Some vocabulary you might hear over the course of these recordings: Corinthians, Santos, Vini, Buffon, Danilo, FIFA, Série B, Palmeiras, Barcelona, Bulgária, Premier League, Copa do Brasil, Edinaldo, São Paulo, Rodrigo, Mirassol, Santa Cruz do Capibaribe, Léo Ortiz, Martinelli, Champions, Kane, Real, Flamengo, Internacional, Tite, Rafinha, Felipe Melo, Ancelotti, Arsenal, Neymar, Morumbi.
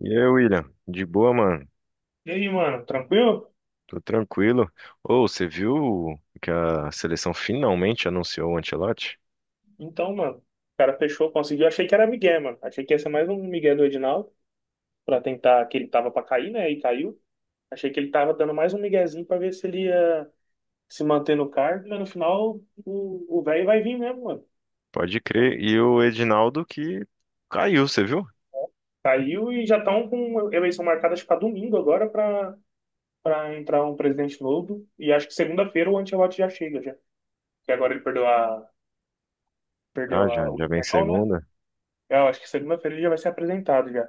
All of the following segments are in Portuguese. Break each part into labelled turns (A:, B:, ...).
A: E aí, William? De boa, mano?
B: E aí, mano, tranquilo?
A: Tô tranquilo. Ô, você viu que a seleção finalmente anunciou o Ancelotti?
B: Então, mano, o cara fechou, conseguiu. Achei que era Miguel, mano. Achei que ia ser mais um Miguel do Edinaldo, pra tentar, que ele tava pra cair, né? E caiu. Achei que ele tava dando mais um miguezinho pra ver se ele ia se manter no cargo, mas no final o velho vai vir mesmo, mano.
A: Pode crer. E o Edinaldo que caiu, você viu?
B: Caiu e já estão com eleição marcada, acho que pra domingo agora, pra entrar um presidente novo. E acho que segunda-feira o Ancelotti já chega, já. Porque agora ele perdeu
A: Ah,
B: perdeu
A: já,
B: a, o
A: já vem
B: espanhol, né?
A: segunda?
B: Eu acho que segunda-feira ele já vai ser apresentado já.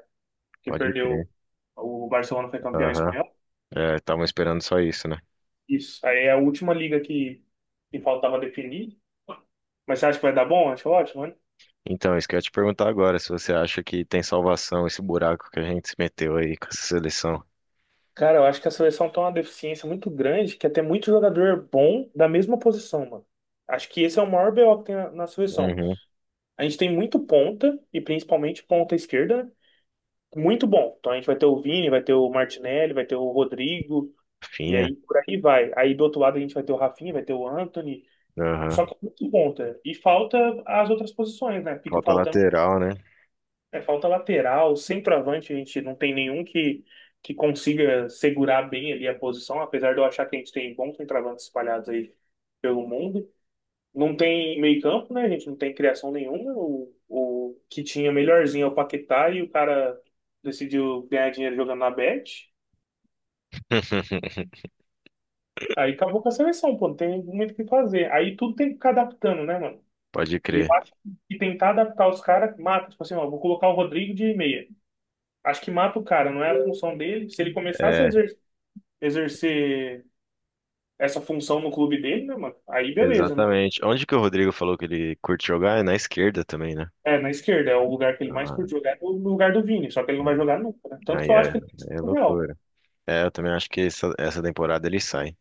B: Que
A: Pode
B: perdeu.
A: crer.
B: O Barcelona foi campeão
A: Aham.
B: espanhol.
A: É, estavam esperando só isso, né?
B: Isso. Aí é a última liga que faltava definir. Mas você acha que vai dar bom? Acho ótimo, né?
A: Então, isso que eu ia te perguntar agora, se você acha que tem salvação esse buraco que a gente se meteu aí com essa seleção.
B: Cara, eu acho que a seleção tem uma deficiência muito grande que até muito jogador bom da mesma posição, mano. Acho que esse é o maior BO que tem na seleção.
A: Uhum.
B: A gente tem muito ponta, e principalmente ponta esquerda, né? Muito bom. Então a gente vai ter o Vini, vai ter o Martinelli, vai ter o Rodrigo, e
A: Finha.
B: aí por aí vai. Aí do outro lado a gente vai ter o Rafinha, vai ter o Antony.
A: Aham.
B: Só que é muito ponta e falta as outras posições, né? Fica
A: Falta
B: faltando,
A: lateral, né?
B: é, falta lateral, centroavante, a gente não tem nenhum que consiga segurar bem ali a posição, apesar de eu achar que a gente tem bons centroavantes espalhados aí pelo mundo. Não tem meio-campo, né? A gente não tem criação nenhuma. O que tinha melhorzinho é o Paquetá e o cara decidiu ganhar dinheiro jogando na Bet. Aí acabou com a seleção, pô, não tem muito o que fazer. Aí tudo tem que ficar adaptando, né, mano?
A: Pode
B: E eu
A: crer.
B: acho que tentar adaptar os caras mata. Tipo assim, ó, vou colocar o Rodrigo de meia. Acho que mata o cara, não é a função dele. Se ele começasse a
A: É,
B: exercer essa função no clube dele, né, mano? Aí beleza, né?
A: exatamente. Onde que o Rodrigo falou que ele curte jogar? É na esquerda também, né?
B: É, na esquerda, é o lugar que ele mais
A: Ah,
B: curte jogar, é o lugar do Vini, só que ele não vai jogar
A: é.
B: nunca, né? Tanto que
A: Aí
B: eu
A: é,
B: acho que ele tem que ser
A: é
B: pro Real.
A: loucura. É, eu também acho que essa temporada ele sai.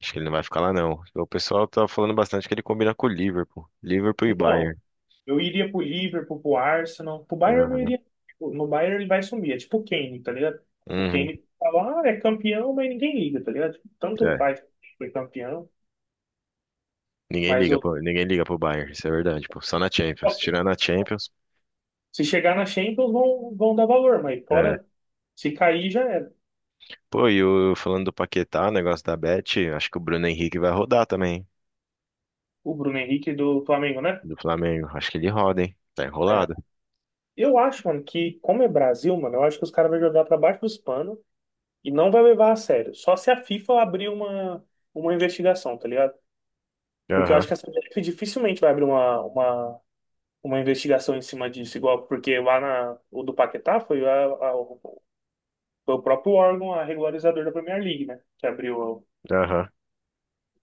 A: Acho que ele não vai ficar lá, não. O pessoal tá falando bastante que ele combina com o Liverpool. Liverpool e
B: Então,
A: Bayern.
B: eu iria pro Liverpool, pro Arsenal, pro Bayern eu não
A: Aham.
B: iria. Tipo, no Bayern ele vai sumir, é tipo o Kane, tá ligado? O
A: Uhum.
B: Kane fala, ah, é campeão, mas ninguém liga, tá ligado? Tipo, tanto
A: É.
B: faz, que foi campeão, mas eu.
A: Ninguém liga pro Bayern, isso é verdade, pô. Só na Champions. Tirando a Champions.
B: Se chegar na Champions, vão dar valor, mas
A: É.
B: fora, se cair, já era.
A: Pô, e o, falando do Paquetá, o negócio da Bet, acho que o Bruno Henrique vai rodar também, hein?
B: O Bruno Henrique do Flamengo, né?
A: Do Flamengo. Acho que ele roda, hein? Tá
B: É.
A: enrolado.
B: Eu acho, mano, que como é Brasil, mano, eu acho que os caras vão jogar pra baixo dos panos e não vai levar a sério. Só se a FIFA abrir uma investigação, tá ligado? Porque eu
A: Aham,
B: acho que a CBF dificilmente vai abrir uma investigação em cima disso, igual porque lá na, o do Paquetá foi, foi o próprio órgão, a regularizador da Premier League, né? Que abriu.
A: aham.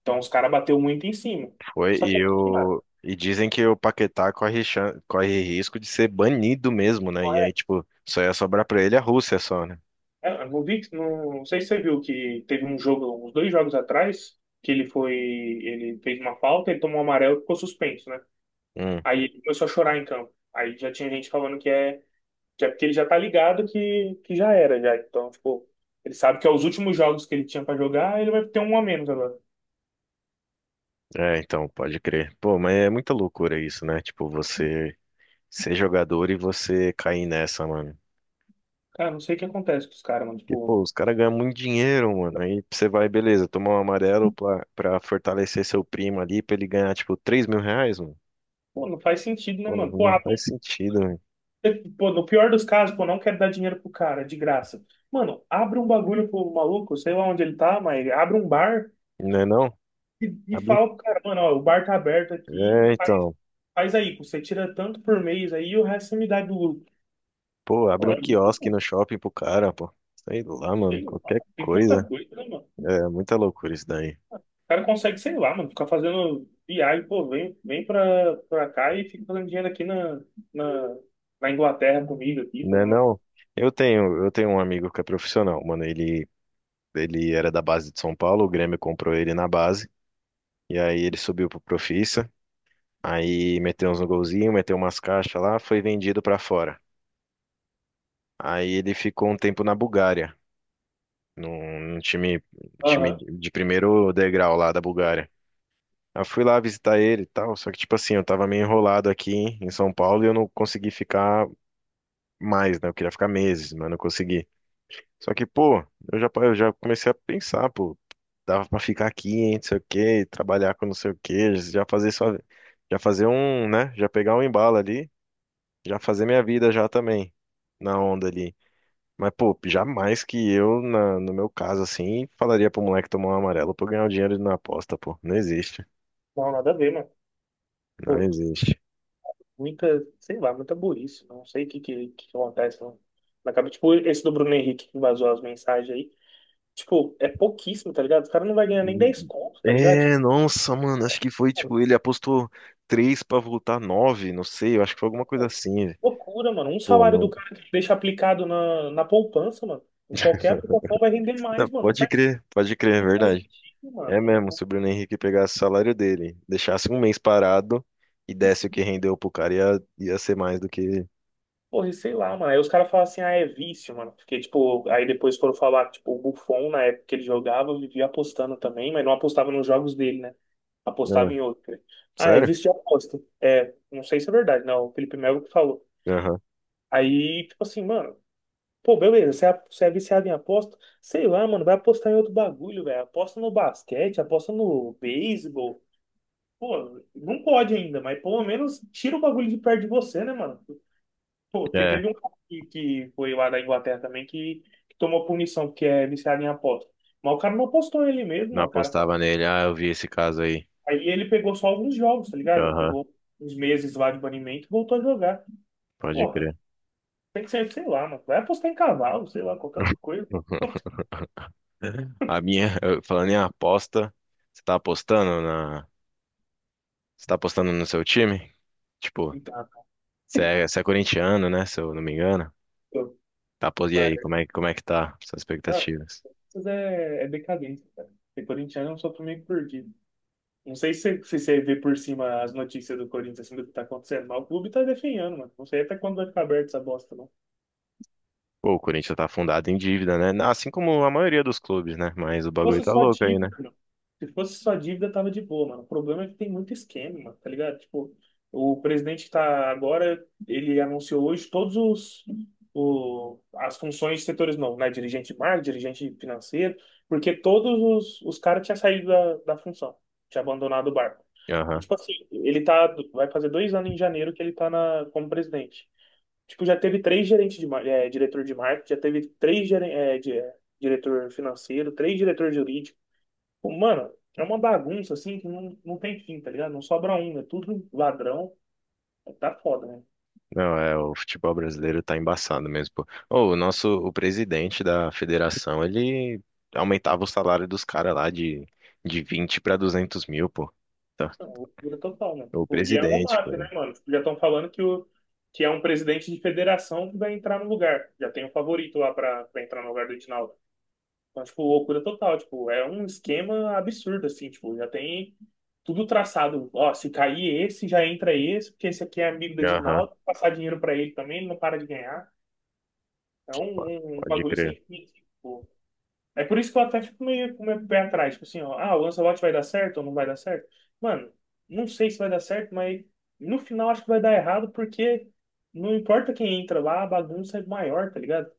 B: Então os caras bateu muito em cima.
A: Foi,
B: Só que
A: e,
B: aqui, mano,
A: o, e dizem que o Paquetá corre, corre risco de ser banido mesmo, né? E aí, tipo, só ia sobrar pra ele a Rússia só, né?
B: é, eu não vi, não, não sei se você viu que teve um jogo, uns 2 jogos atrás, que ele foi, ele fez uma falta, ele tomou um amarelo e ficou suspenso, né?
A: Hum,
B: Aí ele começou a chorar em campo. Aí já tinha gente falando que é porque ele já tá ligado que já era, já. Então, tipo, ele sabe que é os últimos jogos que ele tinha pra jogar, ele vai ter um a menos agora.
A: é, então, pode crer. Pô, mas é muita loucura isso, né? Tipo, você ser jogador e você cair nessa, mano.
B: Cara, não sei o que acontece com os caras, mano.
A: Porque, pô,
B: Tipo,
A: os caras ganham muito dinheiro, mano. Aí você vai, beleza, tomar um amarelo pra, pra fortalecer seu primo ali, pra ele ganhar, tipo, 3.000 reais, mano.
B: pô, não faz sentido, né,
A: Pô, não,
B: mano? Pô,
A: não faz sentido, né?
B: pô, no pior dos casos, pô, não quero dar dinheiro pro cara, de graça. Mano, abre um bagulho pro maluco, sei lá onde ele tá, mas abre um bar,
A: Não é não?
B: e
A: Abre um...
B: fala pro cara, mano, ó, o bar tá aberto aqui,
A: É, então.
B: faz aí, você tira tanto por mês aí e o resto você me dá do lucro.
A: Pô,
B: Pô,
A: abre um
B: é muito
A: quiosque
B: bom.
A: no shopping pro cara, pô. Sei lá, mano,
B: Tem,
A: qualquer
B: tem tanta
A: coisa.
B: coisa, né, mano?
A: É muita loucura isso daí.
B: O cara consegue, sei lá, mano, ficar fazendo viagem, pô, vem pra cá e fica fazendo dinheiro aqui na, na Inglaterra comigo aqui,
A: Né,
B: fazendo.
A: não? Eu tenho um amigo que é profissional, mano. Ele era da base de São Paulo, o Grêmio comprou ele na base. E aí ele subiu pro Profissa. Aí meteu uns golzinhos, meteu umas caixas lá, foi vendido pra fora. Aí ele ficou um tempo na Bulgária, num time, time
B: Aham.
A: de primeiro degrau lá da Bulgária. Eu fui lá visitar ele e tal, só que, tipo assim, eu tava meio enrolado aqui em São Paulo e eu não consegui ficar mais, né? Eu queria ficar meses, mas não consegui. Só que, pô, eu já comecei a pensar, pô, dava pra ficar aqui, hein, não sei o quê, trabalhar com não sei o quê, já fazer só, já fazer um, né? Já pegar um embalo ali, já fazer minha vida já também, na onda ali. Mas, pô, jamais que eu, na, no meu caso, assim, falaria pro moleque tomar um amarelo pra eu ganhar o dinheiro na aposta, pô. Não existe,
B: Não, nada a ver, mano.
A: não
B: Pô,
A: existe.
B: muita, sei lá, muita burrice. Não sei o que acontece, mano. Na cabeça, tipo, esse do Bruno Henrique que vazou as mensagens aí. Tipo, é pouquíssimo, tá ligado? Os caras não vai ganhar nem 10 conto, tá ligado? Tipo,
A: É, nossa, mano, acho que foi
B: pô,
A: tipo, ele apostou três pra voltar nove, não sei, eu acho que foi alguma coisa
B: pô,
A: assim, velho.
B: loucura, mano. Um
A: Pô,
B: salário do
A: não,
B: cara que deixa aplicado na poupança, mano. Em qualquer aplicação vai render
A: não,
B: mais, mano.
A: pode crer, é
B: Não faz
A: verdade.
B: sentido,
A: É
B: mano. Não,
A: mesmo,
B: não...
A: se o Bruno Henrique pegasse o salário dele, deixasse um mês parado e desse o que rendeu pro cara, ia, ia ser mais do que.
B: Porra, e sei lá, mano. Aí os caras falam assim, ah, é vício, mano. Porque, tipo, aí depois foram falar, tipo, o Buffon, na época que ele jogava, vivia apostando também, mas não apostava nos jogos dele, né? Apostava
A: Ah,
B: em outro. Ah, é
A: sério?
B: vício de aposta. É, não sei se é verdade, não. O Felipe Melo que falou.
A: Aham.
B: Aí, tipo assim, mano, pô, beleza, você você é viciado em aposta? Sei lá, mano, vai apostar em outro bagulho, velho. Aposta no basquete, aposta no beisebol. Pô, não pode ainda, mas pelo menos tira o bagulho de perto de você, né, mano? Pô, porque
A: É,
B: teve um cara que foi lá da Inglaterra também que tomou punição, porque é viciado em aposta. Mas o cara não apostou ele mesmo,
A: não
B: mano. O cara...
A: apostava nele. Ah, eu vi esse caso aí.
B: Aí ele pegou só alguns jogos, tá ligado? Ele
A: Aham,
B: pegou uns meses lá de banimento e voltou a jogar.
A: pode
B: Porra,
A: crer.
B: tem que ser, sei lá, mano. Vai apostar em cavalo, sei lá, qualquer outra coisa.
A: A minha, falando em aposta, você tá apostando na. Você tá apostando no seu time? Tipo,
B: Então,
A: você é corintiano, né? Se eu não me engano.
B: pô,
A: Tá, e aí, como é que tá suas
B: mas-
A: expectativas?
B: Corinthians é decadência, cara. Ser corintiano é um sopro meio perdido. Não sei se você vê por cima as notícias do Corinthians, assim, do que tá acontecendo, mas o clube tá definhando, mano. Não sei até quando vai ficar aberto essa bosta, não.
A: Pô, o Corinthians tá afundado em dívida, né? Assim como a maioria dos clubes, né? Mas o bagulho
B: Fosse
A: tá
B: só
A: louco aí,
B: dívida,
A: né?
B: mano. Se fosse só dívida, tava de boa, mano. O problema é que tem muito esquema, mano, tá ligado? Tipo, o presidente que tá agora, ele anunciou hoje todos os o, as funções de setores novos, né? Dirigente de marketing, dirigente financeiro, porque todos os caras tinham saído da função, tinha abandonado o barco. E
A: Aham.
B: tipo assim, ele tá, vai fazer 2 anos em janeiro que ele tá na, como presidente. Tipo, já teve 3 gerentes de, é, diretor de marketing, já teve três é, diretor financeiro, 3 diretor jurídico. Pô, mano, é uma bagunça assim que não tem fim, tá ligado? Não sobra um, é tudo ladrão. É, tá foda, né?
A: Não, é, o futebol brasileiro tá embaçado mesmo, pô. Ô, o nosso, o presidente da federação, ele aumentava o salário dos caras lá de 20 mil pra 200 mil, pô. Tá.
B: Não, loucura total, né?
A: O
B: Pô, e é uma
A: presidente, pô.
B: máfia, né, mano? Tipo, já estão falando que, o, que é um presidente de federação que vai entrar no lugar. Já tem um favorito lá pra entrar no lugar do Edinaldo. Mas, tipo, loucura total, tipo, é um esquema absurdo, assim, tipo, já tem tudo traçado. Ó, se cair esse, já entra esse, porque esse aqui é amigo da
A: Aham,
B: Dinaldo, passar dinheiro pra ele também, ele não para de ganhar. É
A: po-
B: um
A: pode
B: bagulho
A: crer.
B: sem fim, assim, tipo. É por isso que eu até fico meio com o meu pé atrás, tipo assim, ó, ah, o Ancelotti vai dar certo ou não vai dar certo? Mano, não sei se vai dar certo, mas no final acho que vai dar errado, porque não importa quem entra lá, a bagunça é maior, tá ligado?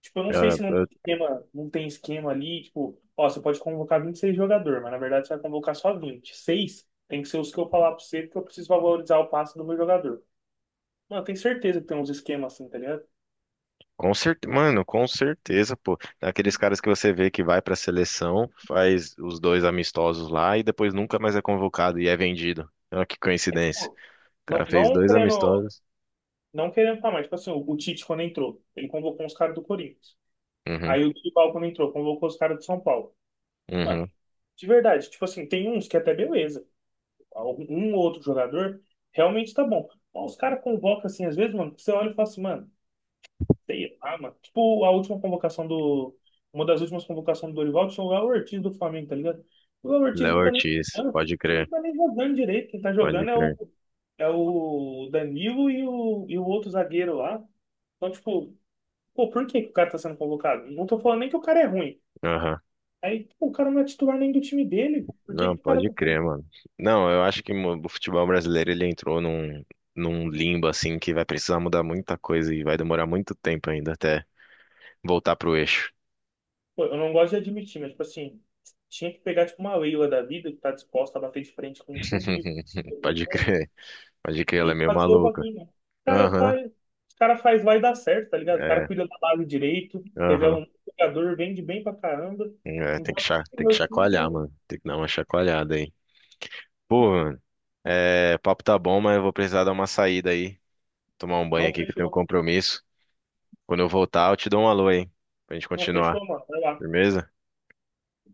B: Tipo, eu não sei
A: Ah,
B: se não tem
A: ah,
B: esquema, não tem esquema ali, tipo, ó, você pode convocar 26 jogadores, mas na verdade você vai convocar só 26, tem que ser os que eu falar pra você, porque eu preciso valorizar o passe do meu jogador. Mano, eu tenho certeza que tem uns esquemas assim, tá ligado?
A: com certeza, mano, com certeza, pô. Aqueles caras que você vê que vai pra seleção, faz os dois amistosos lá e depois nunca mais é convocado e é vendido. Olha que
B: É
A: coincidência.
B: tipo,
A: O cara
B: não,
A: fez
B: não
A: dois
B: querendo,
A: amistosos.
B: não querendo tá mais, tipo assim, o Tite quando entrou, ele convocou uns caras do Corinthians.
A: Uhum,
B: Aí o Dorival quando entrou, convocou os caras do São Paulo. Mano,
A: uhum.
B: de verdade, tipo assim, tem uns que é até beleza. Um ou outro jogador realmente tá bom. Mas os caras convocam assim, às vezes, mano, que você olha e fala assim, mano. Sei lá, mano. Tipo, a última convocação do. Uma das últimas convocações do Dorival tinha o Léo Ortiz do Flamengo, tá ligado? O Léo Ortiz
A: Léo
B: não tá nem
A: Ortiz,
B: jogando,
A: pode
B: não
A: crer,
B: tá nem jogando direito. Quem tá
A: pode
B: jogando é
A: crer.
B: é o Danilo e o outro zagueiro lá. Então, tipo, pô, por que que o cara tá sendo convocado? Não tô falando nem que o cara é ruim.
A: Aham.
B: Aí, pô, o cara não é titular nem do time dele. Por que
A: Não,
B: que o cara
A: pode
B: tá sendo.
A: crer, mano. Não, eu acho que o futebol brasileiro ele entrou num, num limbo assim que vai precisar mudar muita coisa e vai demorar muito tempo ainda até voltar pro eixo.
B: Pô, eu não gosto de admitir, mas, tipo assim, tinha que pegar, tipo, uma Leila da vida que tá disposta a bater de frente com tudo e todo
A: Pode
B: mundo
A: crer. Pode crer, ela é
B: e
A: meio
B: fazer o
A: maluca.
B: bagulho. O cara
A: Aham,
B: faz, os cara faz, vai dar certo, tá ligado? O cara
A: é,
B: cuida da base direito, revela
A: aham.
B: um jogador, vende bem pra caramba.
A: É, tem que,
B: Enquanto isso,
A: tem que
B: meu
A: chacoalhar,
B: time
A: mano. Tem que dar uma chacoalhada aí. Pô, mano, é, papo tá bom, mas eu vou precisar dar uma saída aí. Tomar um banho
B: não
A: aqui que eu tenho um
B: fechou.
A: compromisso. Quando eu voltar, eu te dou um alô aí. Pra gente
B: Não
A: continuar.
B: fechou, mano. Vai lá.
A: Firmeza?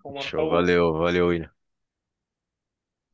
B: Vou matar
A: Show,
B: o
A: valeu, valeu, William.